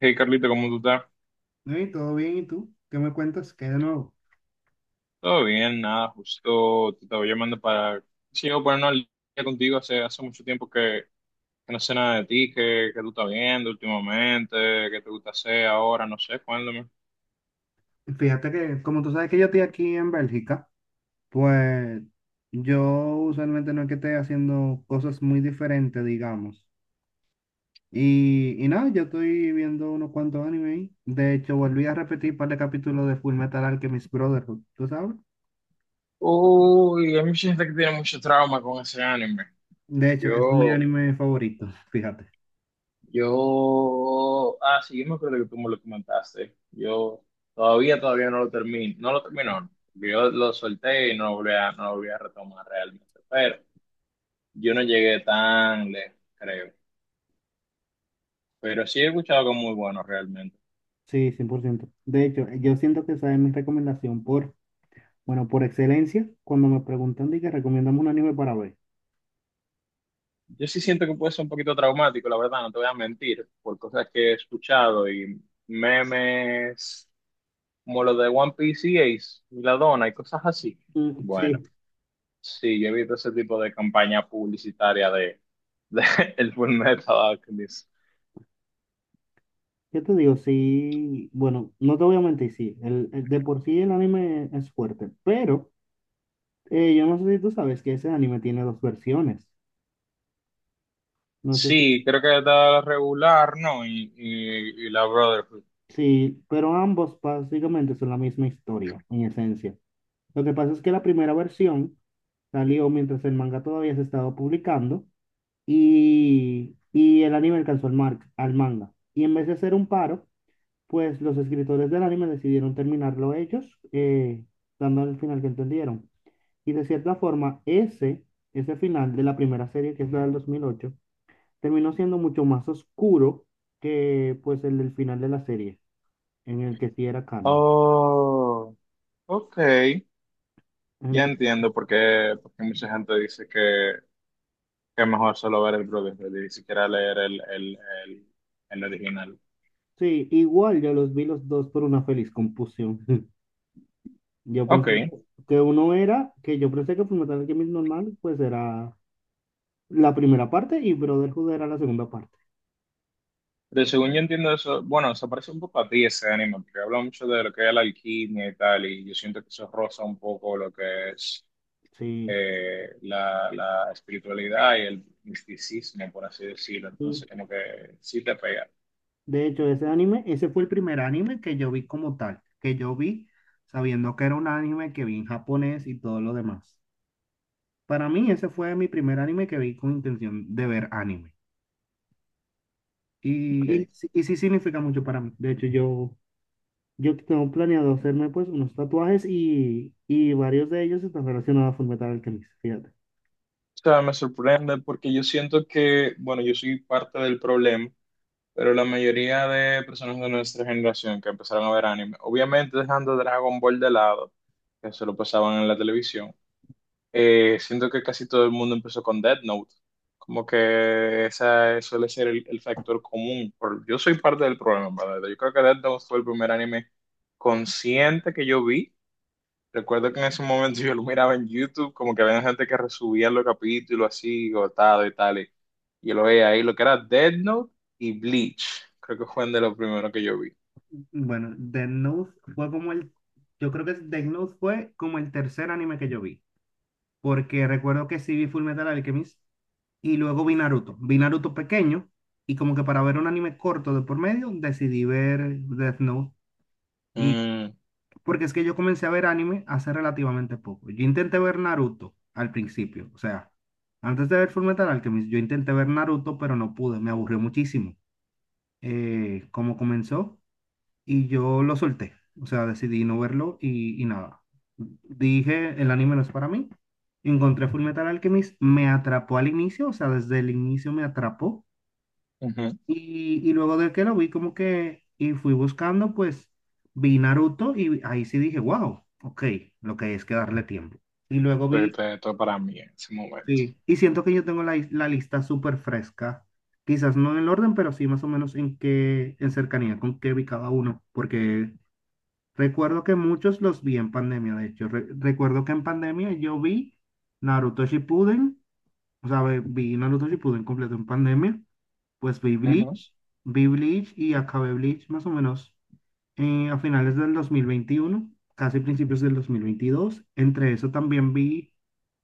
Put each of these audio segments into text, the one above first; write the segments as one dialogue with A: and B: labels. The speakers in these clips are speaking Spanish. A: Hey Carlito, ¿cómo tú estás?
B: Ey, todo bien, ¿y tú? ¿Qué me cuentas? ¿Qué hay de nuevo?
A: Todo bien, nada, justo te estaba llamando para, sí, yo ponernos al día contigo, hace mucho tiempo que no sé nada de ti, que tú estás viendo últimamente, qué te gusta hacer ahora, no sé, cuéntame.
B: Fíjate que, como tú sabes que yo estoy aquí en Bélgica, pues yo usualmente no es que esté haciendo cosas muy diferentes, digamos. Y nada, yo estoy viendo unos cuantos anime ahí. De hecho, volví a repetir un par de capítulos de Full Metal Alchemist Brotherhood, ¿tú sabes?
A: Uy, hay mucha gente que tiene mucho trauma con ese anime.
B: De hecho, es mi
A: Yo,
B: anime favorito, fíjate.
A: sí, yo me acuerdo que tú me lo comentaste. Yo todavía no lo termino, no lo termino, no. Yo lo solté y no lo volví a retomar realmente, pero... Yo no llegué tan lejos, creo. Pero sí he escuchado algo muy bueno realmente.
B: Sí, 100%. De hecho, yo siento que esa es mi recomendación por, bueno, por excelencia, cuando me preguntan de que recomendamos un anime para ver.
A: Yo sí siento que puede ser un poquito traumático, la verdad, no te voy a mentir, por cosas que he escuchado y memes como los de One Piece y Ace y la dona y cosas así.
B: Mm,
A: Bueno,
B: sí.
A: sí, yo he visto ese tipo de campaña publicitaria de el Fullmetal Alchemist.
B: Yo te digo, sí, bueno, no te voy a mentir, sí, el de por sí el anime es fuerte, pero yo no sé si tú sabes que ese anime tiene dos versiones, no sé si,
A: Sí, creo que está regular, ¿no? Y la Brotherhood.
B: sí, pero ambos básicamente son la misma historia, en esencia. Lo que pasa es que la primera versión salió mientras el manga todavía se estaba publicando y el anime alcanzó al manga. Y en vez de hacer un paro, pues los escritores del anime decidieron terminarlo ellos, dando el final que entendieron. Y de cierta forma, ese final de la primera serie, que es la del 2008, terminó siendo mucho más oscuro que pues el del final de la serie, en el que sí era canon.
A: Oh, ok. Ya
B: Entonces,
A: entiendo por qué mucha gente dice que es mejor solo ver el Brotherhood y ni siquiera leer el, el original.
B: sí, igual yo los vi los dos por una feliz confusión. Yo
A: Ok,
B: pensé que uno era, que yo pensé que Fullmetal Alchemist normal, pues era la primera parte y Brotherhood era la segunda parte.
A: pero según yo entiendo eso, bueno, se parece un poco a ti ese anime, porque habla mucho de lo que es la alquimia y tal, y yo siento que eso roza un poco lo que es
B: Sí,
A: la espiritualidad y el misticismo, por así decirlo.
B: sí.
A: Entonces, como que sí te pega.
B: De hecho, ese anime, ese fue el primer anime que yo vi como tal, que yo vi sabiendo que era un anime que vi en japonés y todo lo demás. Para mí, ese fue mi primer anime que vi con intención de ver anime. Y,
A: Ok.
B: y, sí y sí significa mucho para mí. De hecho, yo tengo planeado hacerme pues unos tatuajes y varios de ellos están relacionados a Fullmetal Alchemist, fíjate.
A: O sea, me sorprende porque yo siento que, bueno, yo soy parte del problema, pero la mayoría de personas de nuestra generación que empezaron a ver anime, obviamente dejando Dragon Ball de lado, que se lo pasaban en la televisión, siento que casi todo el mundo empezó con Death Note. Como que esa suele ser el factor común. Por- yo soy parte del problema, ¿verdad? Yo creo que Death Note fue el primer anime consciente que yo vi. Recuerdo que en ese momento yo lo miraba en YouTube, como que había gente que resubía los capítulos así, gotado y tal. Y yo lo veía ahí, lo que era Death Note y Bleach. Creo que fue de los primeros que yo vi.
B: Bueno, Death Note fue como el, yo creo que Death Note fue como el tercer anime que yo vi, porque recuerdo que sí vi Full Metal Alchemist y luego vi Naruto. Vi Naruto pequeño y como que para ver un anime corto de por medio decidí ver Death Note. Y
A: Mm,
B: porque es que yo comencé a ver anime hace relativamente poco. Yo intenté ver Naruto al principio, o sea, antes de ver Full Metal Alchemist, yo intenté ver Naruto, pero no pude, me aburrió muchísimo. ¿Cómo comenzó? Y yo lo solté. O sea, decidí no verlo y nada. Dije, el anime no es para mí. Encontré Fullmetal Alchemist, me atrapó al inicio, o sea, desde el inicio me atrapó.
A: ujú.
B: Y luego de que lo vi como que, y fui buscando, pues vi Naruto y ahí sí dije, wow, ok, lo que hay es que darle tiempo. Y luego vi,
A: Entonces, esto para mí en ese momento.
B: sí, y siento que yo tengo la, la lista súper fresca, quizás no en el orden, pero sí más o menos en qué, en cercanía con qué vi cada uno, porque recuerdo que muchos los vi en pandemia, de hecho. Recuerdo que en pandemia yo vi Naruto Shippuden, o sea, vi Naruto Shippuden completo en pandemia, pues
A: Ujú.
B: Vi Bleach y acabé Bleach más o menos a finales del 2021, casi principios del 2022. Entre eso también vi,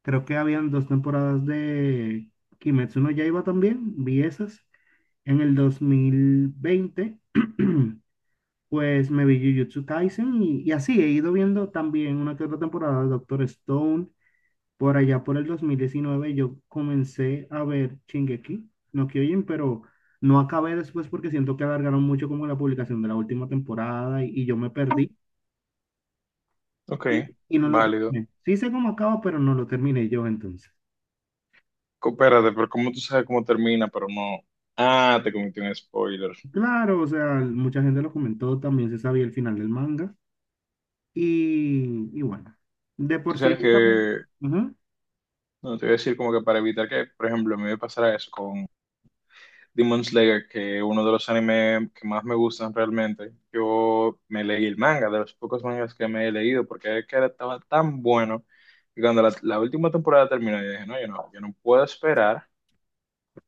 B: creo que habían dos temporadas de Kimetsu no Yaiba también, vi esas en el 2020. Pues me vi Jujutsu Kaisen y así he ido viendo también una que otra temporada de Doctor Stone. Por allá por el 2019 yo comencé a ver Shingeki no Kyojin, pero no acabé después porque siento que alargaron mucho como la publicación de la última temporada y yo me perdí
A: Ok,
B: y no lo
A: válido.
B: terminé. Sí sé cómo acaba, pero no lo terminé yo entonces.
A: Co- Espérate, pero ¿cómo tú sabes cómo termina? Pero no. Ah, te cometí un spoiler.
B: Claro, o sea, mucha gente lo comentó, también se sabía el final del manga y bueno, de por
A: Tú
B: sí
A: sabes
B: yo también.
A: que.
B: Ujú.
A: No, te voy a decir como que para evitar que, por ejemplo, a mí me pasara eso con Demon Slayer, que es uno de los animes que más me gustan realmente. Yo me leí el manga, de los pocos mangas que me he leído, porque es que estaba tan bueno. Y cuando la última temporada terminó, yo dije, no, yo no puedo esperar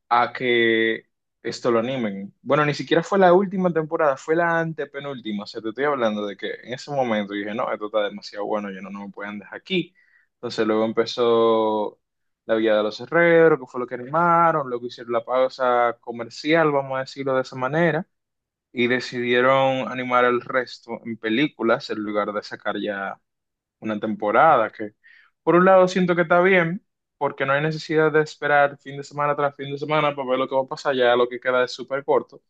A: a que esto lo animen. Bueno, ni siquiera fue la última temporada, fue la antepenúltima. O sea, te estoy hablando de que en ese momento dije, no, esto está demasiado bueno, yo no, no me pueden dejar aquí. Entonces luego empezó La Villa de los Herreros, que fue lo que animaron, luego hicieron la pausa comercial, vamos a decirlo de esa manera, y decidieron animar el resto en películas en lugar de sacar ya una temporada, que por un lado siento que está bien, porque no hay necesidad de esperar fin de semana tras fin de semana para ver lo que va a pasar, ya lo que queda es súper corto,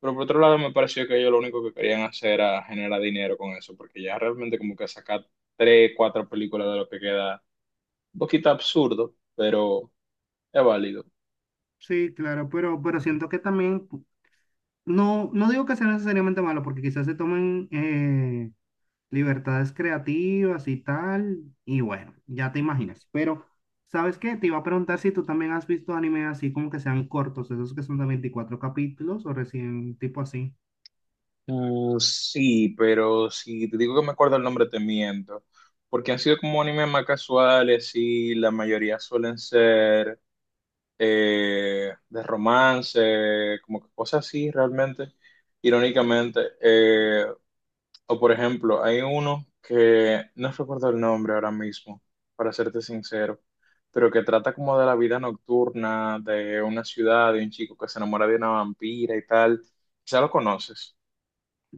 A: pero por otro lado me pareció que ellos lo único que querían hacer era generar dinero con eso, porque ya realmente como que sacar tres, cuatro películas de lo que queda, un poquito absurdo, pero es válido.
B: Sí, claro, pero siento que también, pu- no, no digo que sea necesariamente malo, porque quizás se tomen libertades creativas y tal, y bueno, ya te imaginas. Pero, ¿sabes qué? Te iba a preguntar si tú también has visto anime así como que sean cortos, esos que son de 24 capítulos o recién tipo así.
A: Mm, sí, pero si te digo que me acuerdo el nombre te miento, porque han sido como animes más casuales y la mayoría suelen ser de romance, como que cosas así realmente, irónicamente. O por ejemplo, hay uno que no recuerdo el nombre ahora mismo, para serte sincero, pero que trata como de la vida nocturna de una ciudad, de un chico que se enamora de una vampira y tal. Ya lo conoces.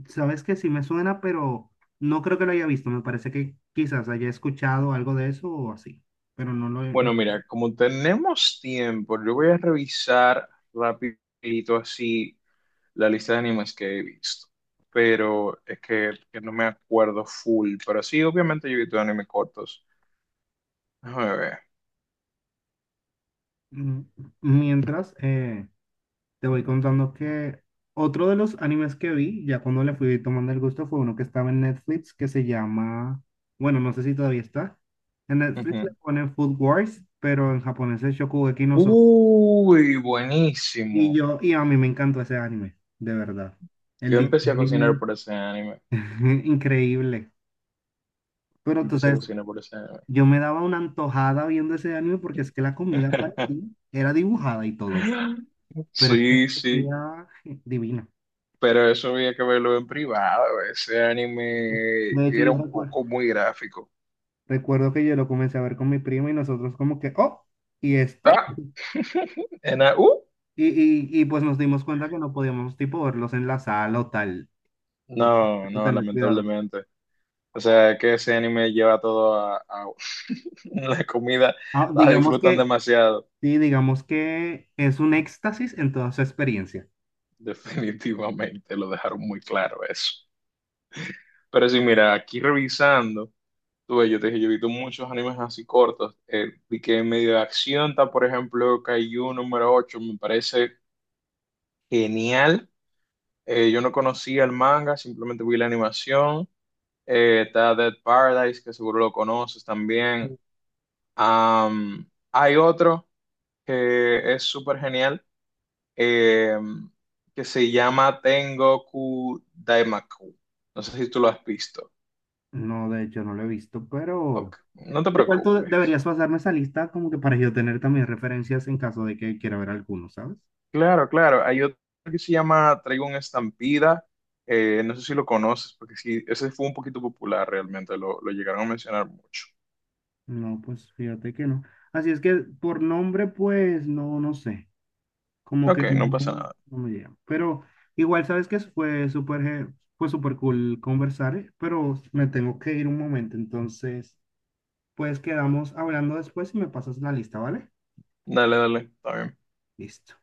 B: Sabes que sí me suena, pero no creo que lo haya visto. Me parece que quizás haya escuchado algo de eso o así, pero no lo he...
A: Bueno,
B: no-
A: mira, como tenemos tiempo, yo voy a revisar rapidito así la lista de animes que he visto, pero es que no me acuerdo full, pero sí, obviamente yo he visto animes cortos. Déjame ver.
B: mm, mientras, te voy contando que otro de los animes que vi, ya cuando le fui tomando el gusto, fue uno que estaba en Netflix que se llama, bueno, no sé si todavía está. En Netflix le
A: Ujú.
B: ponen Food Wars, pero en japonés es Shokugeki no Soma.
A: Uy,
B: Y
A: buenísimo.
B: yo, y a mí me encantó ese anime, de verdad. El
A: Yo empecé a cocinar
B: diseño,
A: por ese anime.
B: increíble. Pero tú
A: Empecé a
B: sabes,
A: cocinar por ese anime.
B: yo me daba una antojada viendo ese anime porque es que la comida parecía, era dibujada y todo, pero es que
A: Sí, sí,
B: parecía divina.
A: pero eso había que verlo en privado. Ese anime
B: De hecho,
A: era
B: yo
A: un
B: recuerdo.
A: poco muy gráfico.
B: Recuerdo que yo lo comencé a ver con mi primo y nosotros como que, oh, ¿y esto?
A: Ah, en a- uh,
B: Y pues nos dimos cuenta que no podíamos tipo verlos en la sala o tal, o,
A: no,
B: o
A: no,
B: tener cuidado.
A: lamentablemente. O sea, que ese anime lleva todo la comida,
B: Ah,
A: la
B: digamos
A: disfrutan
B: que,
A: demasiado.
B: sí, digamos que es un éxtasis en toda su experiencia.
A: Definitivamente, lo dejaron muy claro eso. Pero sí, mira, aquí revisando, tú ves, yo te dije, yo he visto muchos animes así cortos. Vi que en medio de acción está, por ejemplo, Kaiju n.º 8, me parece genial. Yo no conocía el manga, simplemente vi la animación. Está Dead Paradise, que seguro lo conoces también. Am, hay otro que es súper genial, eh, que se llama Tengoku Daimaku. No sé si tú lo has visto.
B: No, de hecho no lo he visto, pero
A: Ok, no te
B: igual tú
A: preocupes.
B: deberías pasarme esa lista como que para yo tener también referencias en caso de que quiera ver alguno, ¿sabes?
A: Claro, claro. Hay otro que se llama Traigo una estampida. Eh, no sé si lo conoces, porque sí, ese fue un poquito popular realmente. Lo llegaron a mencionar mucho.
B: No, pues fíjate que no. Así es que por nombre, pues no, no sé. Como que
A: Ok, no
B: no,
A: pasa nada.
B: no me llega. Pero igual, sabes que fue súper, fue súper cool conversar, pero me tengo que ir un momento. Entonces, pues quedamos hablando después y me pasas la lista, ¿vale?
A: Dale, dale. Está bien.
B: Listo.